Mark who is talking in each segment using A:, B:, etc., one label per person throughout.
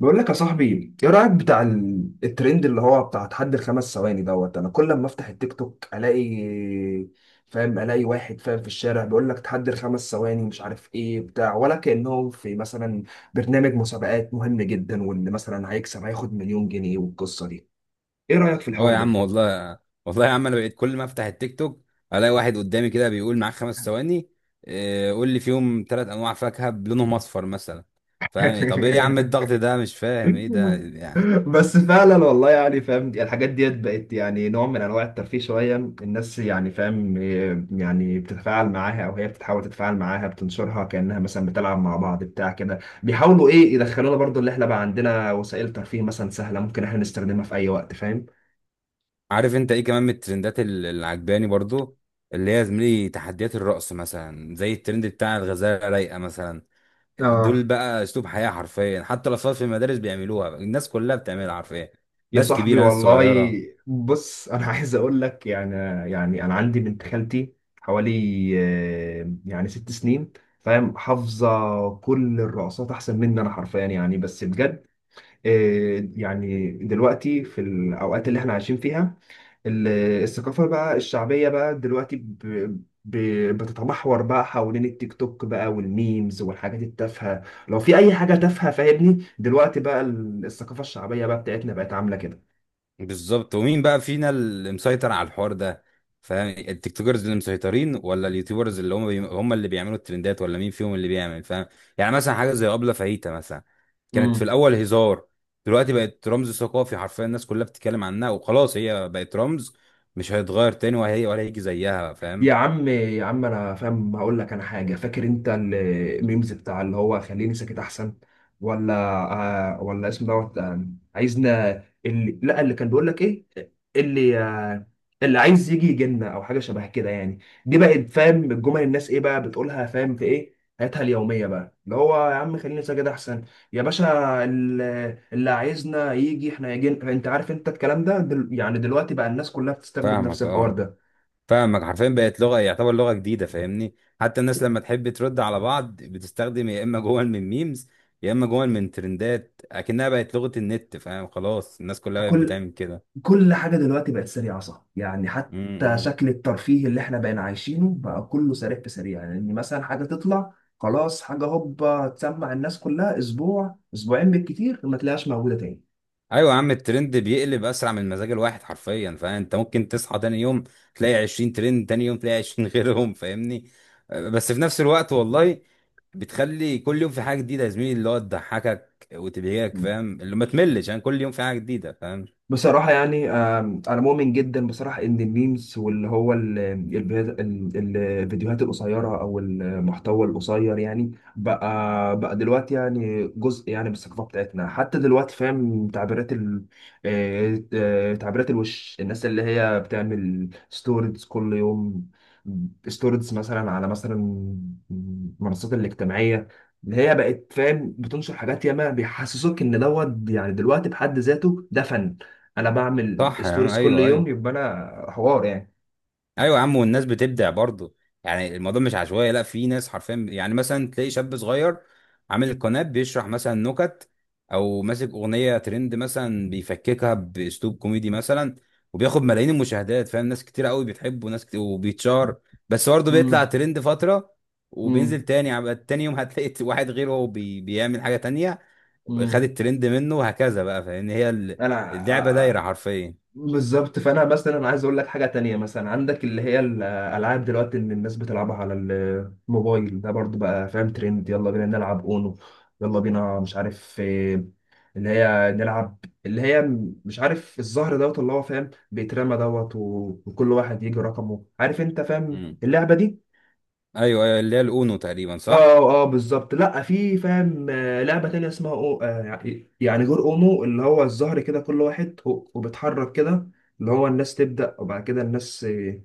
A: بقول لك يا صاحبي ايه رايك بتاع الترند اللي هو بتاع تحدي الخمس ثواني، انا كل ما افتح التيك توك الاقي فاهم، الاقي واحد فاهم في الشارع بيقول لك تحدي الخمس ثواني مش عارف ايه بتاع، ولا كانهم في مثلا برنامج مسابقات مهم جدا، وان مثلا هيكسب هياخد مليون جنيه والقصه دي. ايه رايك في
B: اه
A: الحوار
B: يا
A: ده؟
B: عم والله. والله يا عم انا بقيت كل ما افتح التيك توك الاقي واحد قدامي كده بيقول معاك خمس ثواني. إيه، قول لي فيهم ثلاث انواع فاكهه بلونهم اصفر مثلا. فاهم؟ طب ايه يا عم الضغط ده؟ مش فاهم ايه ده يعني.
A: بس فعلا والله، يعني فاهم الحاجات ديت بقت يعني نوع من انواع الترفيه شويه، الناس يعني فاهم إيه، يعني بتتفاعل معاها او هي بتحاول تتفاعل معاها، بتنشرها كانها مثلا بتلعب مع بعض بتاع كده، بيحاولوا ايه يدخلونا برضو اللي احنا بقى عندنا وسائل ترفيه مثلا سهله ممكن احنا نستخدمها في اي وقت فاهم.
B: عارف انت ايه كمان من الترندات اللي عجباني برضو؟ اللي هي يا زميلي تحديات الرقص مثلا زي الترند بتاع الغزاله رايقه مثلا. دول
A: اه
B: بقى اسلوب حياه حرفيا، حتى الاطفال في المدارس بيعملوها، الناس كلها بتعملها حرفيا.
A: يا
B: ناس
A: صاحبي
B: كبيره ناس
A: والله.
B: صغيره.
A: بص انا عايز اقول لك يعني، يعني انا عندي بنت خالتي حوالي يعني 6 سنين، فاهم حافظه كل الرقصات احسن مني انا حرفيا، يعني بس بجد. يعني دلوقتي في الاوقات اللي احنا عايشين فيها ال- الثقافه بقى الشعبيه بقى دلوقتي بتتمحور بقى حوالين التيك توك بقى والميمز والحاجات التافهه، لو في اي حاجه تافهه فاهمني، دلوقتي بقى الثقافه الشعبيه بقى بتاعتنا بقت عامله كده.
B: بالظبط. ومين بقى فينا اللي مسيطر على الحوار ده؟ فاهم، التيك توكرز اللي مسيطرين ولا اليوتيوبرز اللي هم اللي بيعملوا الترندات؟ ولا مين فيهم اللي بيعمل؟ فاهم؟ يعني مثلا حاجه زي ابله فاهيتا مثلا كانت في
A: امم.
B: الاول هزار. دلوقتي بقت رمز ثقافي حرفيا، الناس كلها بتتكلم عنها وخلاص هي بقت رمز. مش هيتغير تاني وهي ولا هيجي زيها. فاهم؟
A: يا عم انا فاهم هقول لك انا حاجه، فاكر انت الميمز بتاع اللي هو خليني ساكت احسن، ولا آه، ولا اسم آه، عايزنا اللي لا اللي كان بيقول لك ايه، اللي آه اللي عايز يجي يجينا او حاجه شبه كده يعني، دي بقت فاهم الجمل الناس ايه بقى بتقولها، فاهم في ايه حياتها اليوميه بقى، اللي هو يا عم خليني ساكت احسن يا باشا، ال- اللي عايزنا يجي احنا يجي، انت عارف انت الكلام ده يعني دلوقتي بقى الناس كلها بتستخدم نفس
B: فاهمك
A: الحوار
B: اه.
A: ده.
B: فاهمك حرفيا بقت لغه، يعتبر لغه جديده فاهمني. حتى الناس لما تحب ترد على بعض بتستخدم يا اما جمل من ميمز يا اما جمل من ترندات، اكنها بقت لغه النت. فاهم؟ خلاص الناس كلها بقت
A: كل
B: بتعمل كده.
A: كل حاجة دلوقتي بقت سريعة صح، يعني حتى
B: امم.
A: شكل الترفيه اللي احنا بقينا عايشينه بقى كله سريع في سريع، يعني ان مثلا حاجة تطلع خلاص حاجة هوبا تسمع الناس كلها، اسبوع اسبوعين بالكتير ما تلاقيهاش موجودة تاني.
B: ايوه يا عم الترند بيقلب اسرع من مزاج الواحد حرفيا. فانت ممكن تصحى تاني يوم تلاقي 20 ترند، تاني يوم تلاقي 20 غيرهم. فاهمني؟ بس في نفس الوقت والله بتخلي كل يوم في حاجه جديده يا زميلي، اللي هو تضحكك وتبهجك فاهم، اللي ما تملش يعني. كل يوم في حاجه جديده فاهم.
A: بصراحة يعني أنا مؤمن جدا بصراحة إن الميمز واللي هو الفيديوهات القصيرة أو المحتوى القصير، يعني بقى دلوقتي يعني جزء يعني من الثقافة بتاعتنا حتى دلوقتي، فاهم تعبيرات ال تعبيرات الوش، الناس اللي هي بتعمل ستوريز كل يوم، ستوريز مثلا على مثلا المنصات الاجتماعية اللي هي بقت فاهم بتنشر حاجات ياما بيحسسوك إن يعني دلوقتي بحد ذاته ده فن، انا بعمل
B: صح يا عم،
A: ستوريز كل
B: ايوه
A: يوم
B: ايوه.
A: يبقى انا حوار يعني.
B: ايوه يا عم والناس بتبدع برضه. يعني الموضوع مش عشوائي، لا، في ناس حرفيا يعني مثلا تلاقي شاب صغير عامل القناه بيشرح مثلا نكت او ماسك اغنيه ترند مثلا بيفككها باسلوب كوميدي مثلا وبياخد ملايين المشاهدات فاهم. ناس كتير قوي بتحبه، ناس كتير وبيتشهر. بس برضه بيطلع
A: امم
B: ترند فتره وبينزل
A: امم
B: تاني تاني يوم هتلاقي واحد غيره هو بيعمل حاجه تانية. خد
A: امم
B: الترند منه وهكذا بقى. فاهم؟ هي
A: انا
B: اللعبه دايره
A: آه،
B: حرفيا.
A: بالظبط. فانا مثلا انا عايز اقول لك حاجه تانية، مثلا عندك اللي هي الالعاب دلوقتي اللي الناس بتلعبها على الموبايل ده برضو بقى فاهم ترند، يلا بينا نلعب اونو، يلا بينا مش عارف اللي هي نلعب اللي هي مش عارف الزهر، اللي هو فاهم بيترمى، وكل واحد يجي رقمه، عارف انت فاهم اللعبه دي.
B: ايوه ايوه، اللي هي الاونو تقريبا،
A: اه
B: صح؟
A: اه بالظبط، لا في فاهم لعبه تانية اسمها أو يعني يعني جور اونو، اللي هو الزهر كده كل واحد وبيتحرك كده، اللي هو الناس تبدا وبعد كده الناس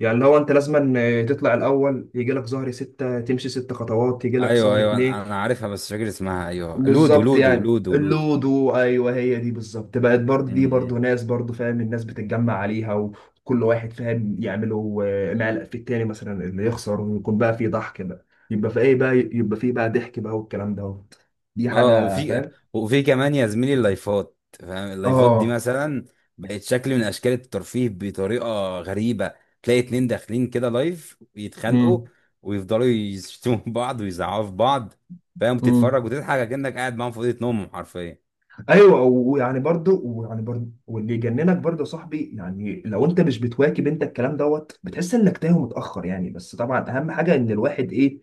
A: يعني اللي هو انت لازما تطلع الاول، يجي لك زهر 6 تمشي 6 خطوات، يجي لك
B: ايوه
A: زهر
B: ايوه
A: اتنين
B: انا أنا عارفها بس مش فاكر اسمها. ايوه، لودو
A: بالظبط
B: لودو
A: يعني
B: لودو لودو.
A: اللودو ايوه هي دي بالظبط بقت برضه،
B: م-
A: دي برضه
B: م.
A: ناس برضه فاهم الناس بتتجمع عليها وكل واحد فاهم يعملوا معلق في التاني مثلا اللي يخسر، ويكون بقى في ضحك بقى، يبقى في ايه بقى، يبقى في بقى ضحك بقى والكلام ده، دي
B: اه،
A: حاجه
B: وفي
A: فاهم.
B: وفي كمان يا زميلي اللايفات فاهم. اللايفات دي
A: اه.
B: مثلا بقت شكل من اشكال الترفيه بطريقه غريبه، تلاقي اتنين داخلين كده لايف يتخانقوا، ويفضلوا يشتموا بعض ويزعقوا في بعض. فاهم،
A: امم.
B: تتفرج وتضحك كأنك قاعد معاهم في اوضه نومهم حرفيا.
A: ايوه ويعني برضو واللي يجننك برضو يا صاحبي، يعني لو انت مش بتواكب انت الكلام بتحس انك تايه متاخر يعني، بس طبعا اهم حاجه ان الواحد ايه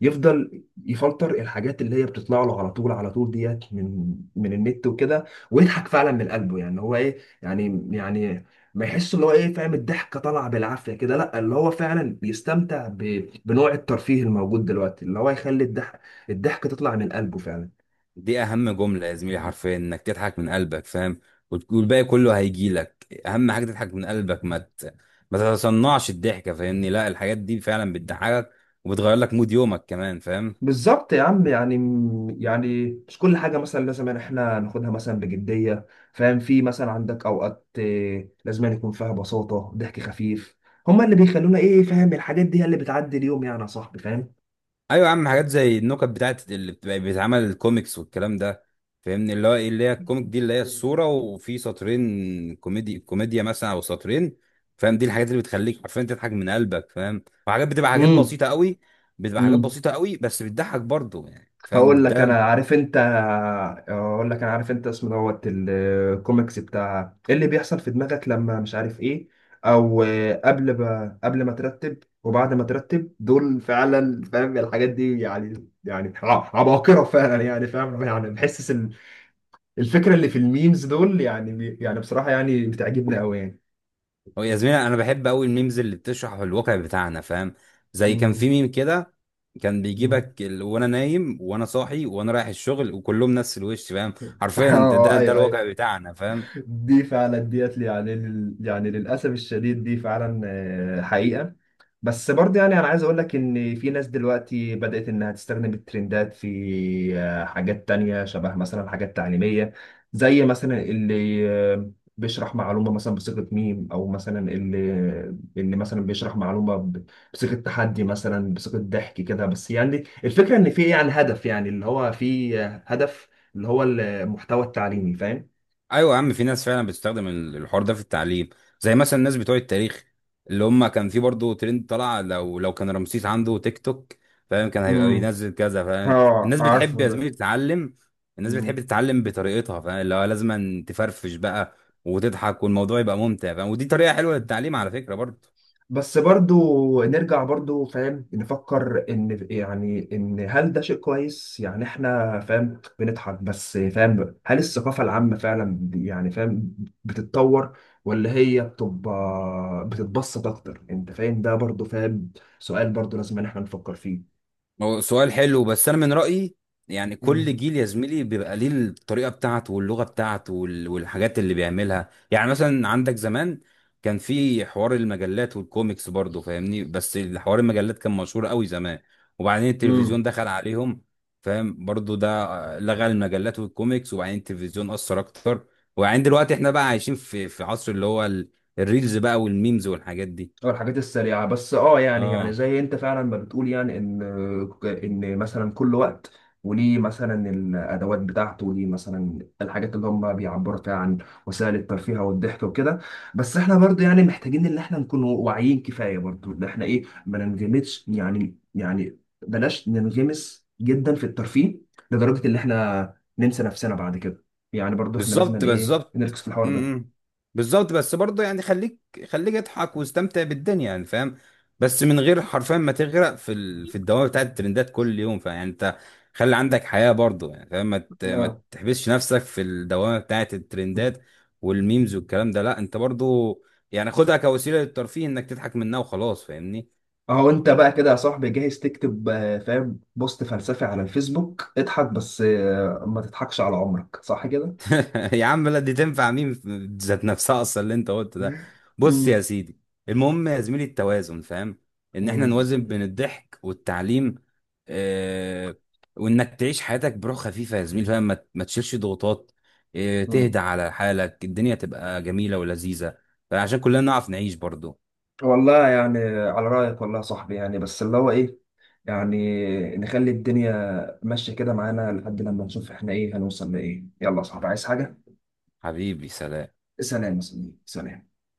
A: يفضل يفلتر الحاجات اللي هي بتطلع له على طول، ديت من النت وكده، ويضحك فعلا من قلبه، يعني هو ايه يعني يعني ما يحس اللي هو ايه فاهم الضحكه طالعه بالعافيه كده، لا اللي هو فعلا بيستمتع بنوع الترفيه الموجود دلوقتي اللي هو يخلي الضحك تطلع من قلبه فعلا.
B: دي اهم جمله يا زميلي حرفيا، انك تضحك من قلبك فاهم. والباقي كله هيجي لك. اهم حاجه تضحك من قلبك، ما تتصنعش الضحكه فاهمني. لا، الحاجات دي فعلا بتضحكك وبتغير لك مود يومك كمان فاهم.
A: بالظبط يا عم، يعني يعني مش كل حاجة مثلا لازم إن احنا ناخدها مثلا بجدية، فاهم في مثلا عندك أوقات لازم أن يكون فيها بساطة ضحك خفيف، هما اللي بيخلونا إيه فاهم الحاجات دي هي اللي بتعدي اليوم يعني يا صاحبي فاهم.
B: ايوه يا عم حاجات زي النكت بتاعت اللي بتبقى بيتعمل الكوميكس والكلام ده فاهمني. اللي هو ايه اللي هي الكوميك دي، اللي هي الصوره وفي سطرين كوميدي كوميديا مثلا او سطرين فاهم. دي الحاجات اللي بتخليك حرفيا تضحك من قلبك فاهم، وحاجات بتبقى حاجات
A: امم.
B: بسيطه قوي، بتبقى حاجات
A: امم.
B: بسيطه قوي بس بتضحك برضه يعني فاهم.
A: هقول لك
B: ده
A: انا عارف انت هقول لك انا عارف انت اسمه الكوميكس بتاع إيه اللي بيحصل في دماغك لما مش عارف ايه، او قبل ما ترتب وبعد ما ترتب، دول فعلا فاهم الحاجات دي يعني يعني عباقرة فعلا يعني فاهم، يعني بحس الفكرة اللي في الميمز دول يعني يعني بصراحة يعني بتعجبني قوي يعني.
B: هو يا زميلي انا بحب قوي الميمز اللي بتشرح الواقع بتاعنا فاهم. زي كان
A: مم.
B: في ميم كده كان
A: مم.
B: بيجيبك وانا نايم وانا صاحي وانا رايح الشغل وكلهم نفس الوش فاهم. حرفيا انت
A: اه
B: ده
A: ايوه ايوه،
B: الواقع بتاعنا فاهم.
A: دي فعلا ديت لي يعني يعني للاسف الشديد دي فعلا حقيقة. بس برضه يعني انا عايز اقول لك ان في ناس دلوقتي بدأت انها تستخدم الترندات في حاجات تانية شبه مثلا حاجات تعليمية، زي مثلا اللي بيشرح معلومة مثلا بصيغة ميم، او مثلا اللي اللي مثلا بيشرح معلومة بصيغة تحدي مثلا، بصيغة ضحك كده، بس يعني الفكرة ان في يعني هدف، يعني اللي هو في هدف، اللي هو المحتوى التعليمي فاهم؟
B: ايوه يا عم، في ناس فعلا بتستخدم الحوار ده في التعليم. زي مثلا الناس بتوع التاريخ، اللي هم كان في برضه ترند طلع: لو كان رمسيس عنده تيك توك فاهم كان هيبقى
A: امم.
B: بينزل كذا. فاهم
A: اه
B: الناس بتحب
A: عارفه
B: يا
A: ده.
B: زميلي تتعلم. الناس
A: مم.
B: بتحب تتعلم بطريقتها فاهم، اللي هو لازم تفرفش بقى وتضحك والموضوع يبقى ممتع فاهم. ودي طريقة حلوة للتعليم على فكرة برضه.
A: بس برضو نرجع برضو فاهم نفكر ان يعني ان هل ده شيء كويس، يعني احنا فاهم بنضحك بس فاهم، هل الثقافة العامة فعلا يعني فاهم بتتطور ولا هي بتبقى بتتبسط اكتر، انت فاهم ده برضو فاهم، سؤال برضو لازم ان احنا نفكر فيه.
B: هو سؤال حلو بس انا من رايي، يعني كل جيل يا زميلي بيبقى ليه الطريقه بتاعته واللغه بتاعته والحاجات اللي بيعملها. يعني مثلا عندك زمان كان في حوار المجلات والكوميكس برضه فاهمني، بس حوار المجلات كان مشهور قوي زمان. وبعدين التلفزيون
A: مم.
B: دخل عليهم فاهم برضه. ده لغى المجلات والكوميكس. وبعدين التلفزيون اثر اكتر. وبعدين دلوقتي احنا بقى عايشين في عصر اللي هو الريلز بقى والميمز والحاجات دي.
A: أو الحاجات السريعة بس اه يعني يعني
B: اه،
A: زي انت فعلا ما بتقول، يعني ان ان مثلا كل وقت وليه مثلا الادوات بتاعته وليه مثلا الحاجات اللي هم بيعبروا فيها عن وسائل الترفيه والضحك وكده، بس احنا برضو يعني محتاجين ان احنا نكون واعيين كفاية برضو ان احنا ايه ما ننغمسش، يعني يعني بلاش ننغمس جدا في الترفيه لدرجة ان احنا ننسى نفسنا بعد كده، يعني برضو احنا لازم
B: بالظبط
A: ايه
B: بالظبط.
A: نركز في الحوار
B: امم بالظبط. بس برضه يعني خليك خليك اضحك واستمتع بالدنيا يعني فاهم. بس من غير حرفيا ما تغرق في الدوامه بتاعت الترندات كل يوم. فيعني انت خلي عندك حياه برضه يعني فاهم. ما
A: ده.
B: تحبسش نفسك في الدوامه بتاعت الترندات والميمز والكلام ده. لا، انت برضه يعني خدها كوسيله للترفيه انك تضحك منها وخلاص فاهمني.
A: اهو انت بقى كده يا صاحبي جاهز تكتب فاهم بوست فلسفي على الفيسبوك، اضحك بس ما تضحكش على عمرك صح كده.
B: يا عم لا، دي تنفع مين ذات نفسها اصلا اللي انت قلته ده. بص يا
A: مم.
B: سيدي، المهم يا زميلي التوازن فاهم، ان احنا
A: مم.
B: نوازن بين الضحك والتعليم. اه، وانك تعيش حياتك بروح خفيفه يا زميلي فاهم، ما تشيلش ضغوطات. اه، تهدى
A: مم.
B: على حالك الدنيا تبقى جميله ولذيذه، عشان كلنا نعرف نعيش برضو.
A: والله يعني على رأيك والله يا صاحبي، يعني بس اللي هو ايه يعني نخلي الدنيا ماشية كده معانا لحد لما نشوف احنا ايه هنوصل لايه، يلا يا صاحبي عايز حاجة؟
B: حبيبي سلام.
A: سلام يا صاحبي سلام.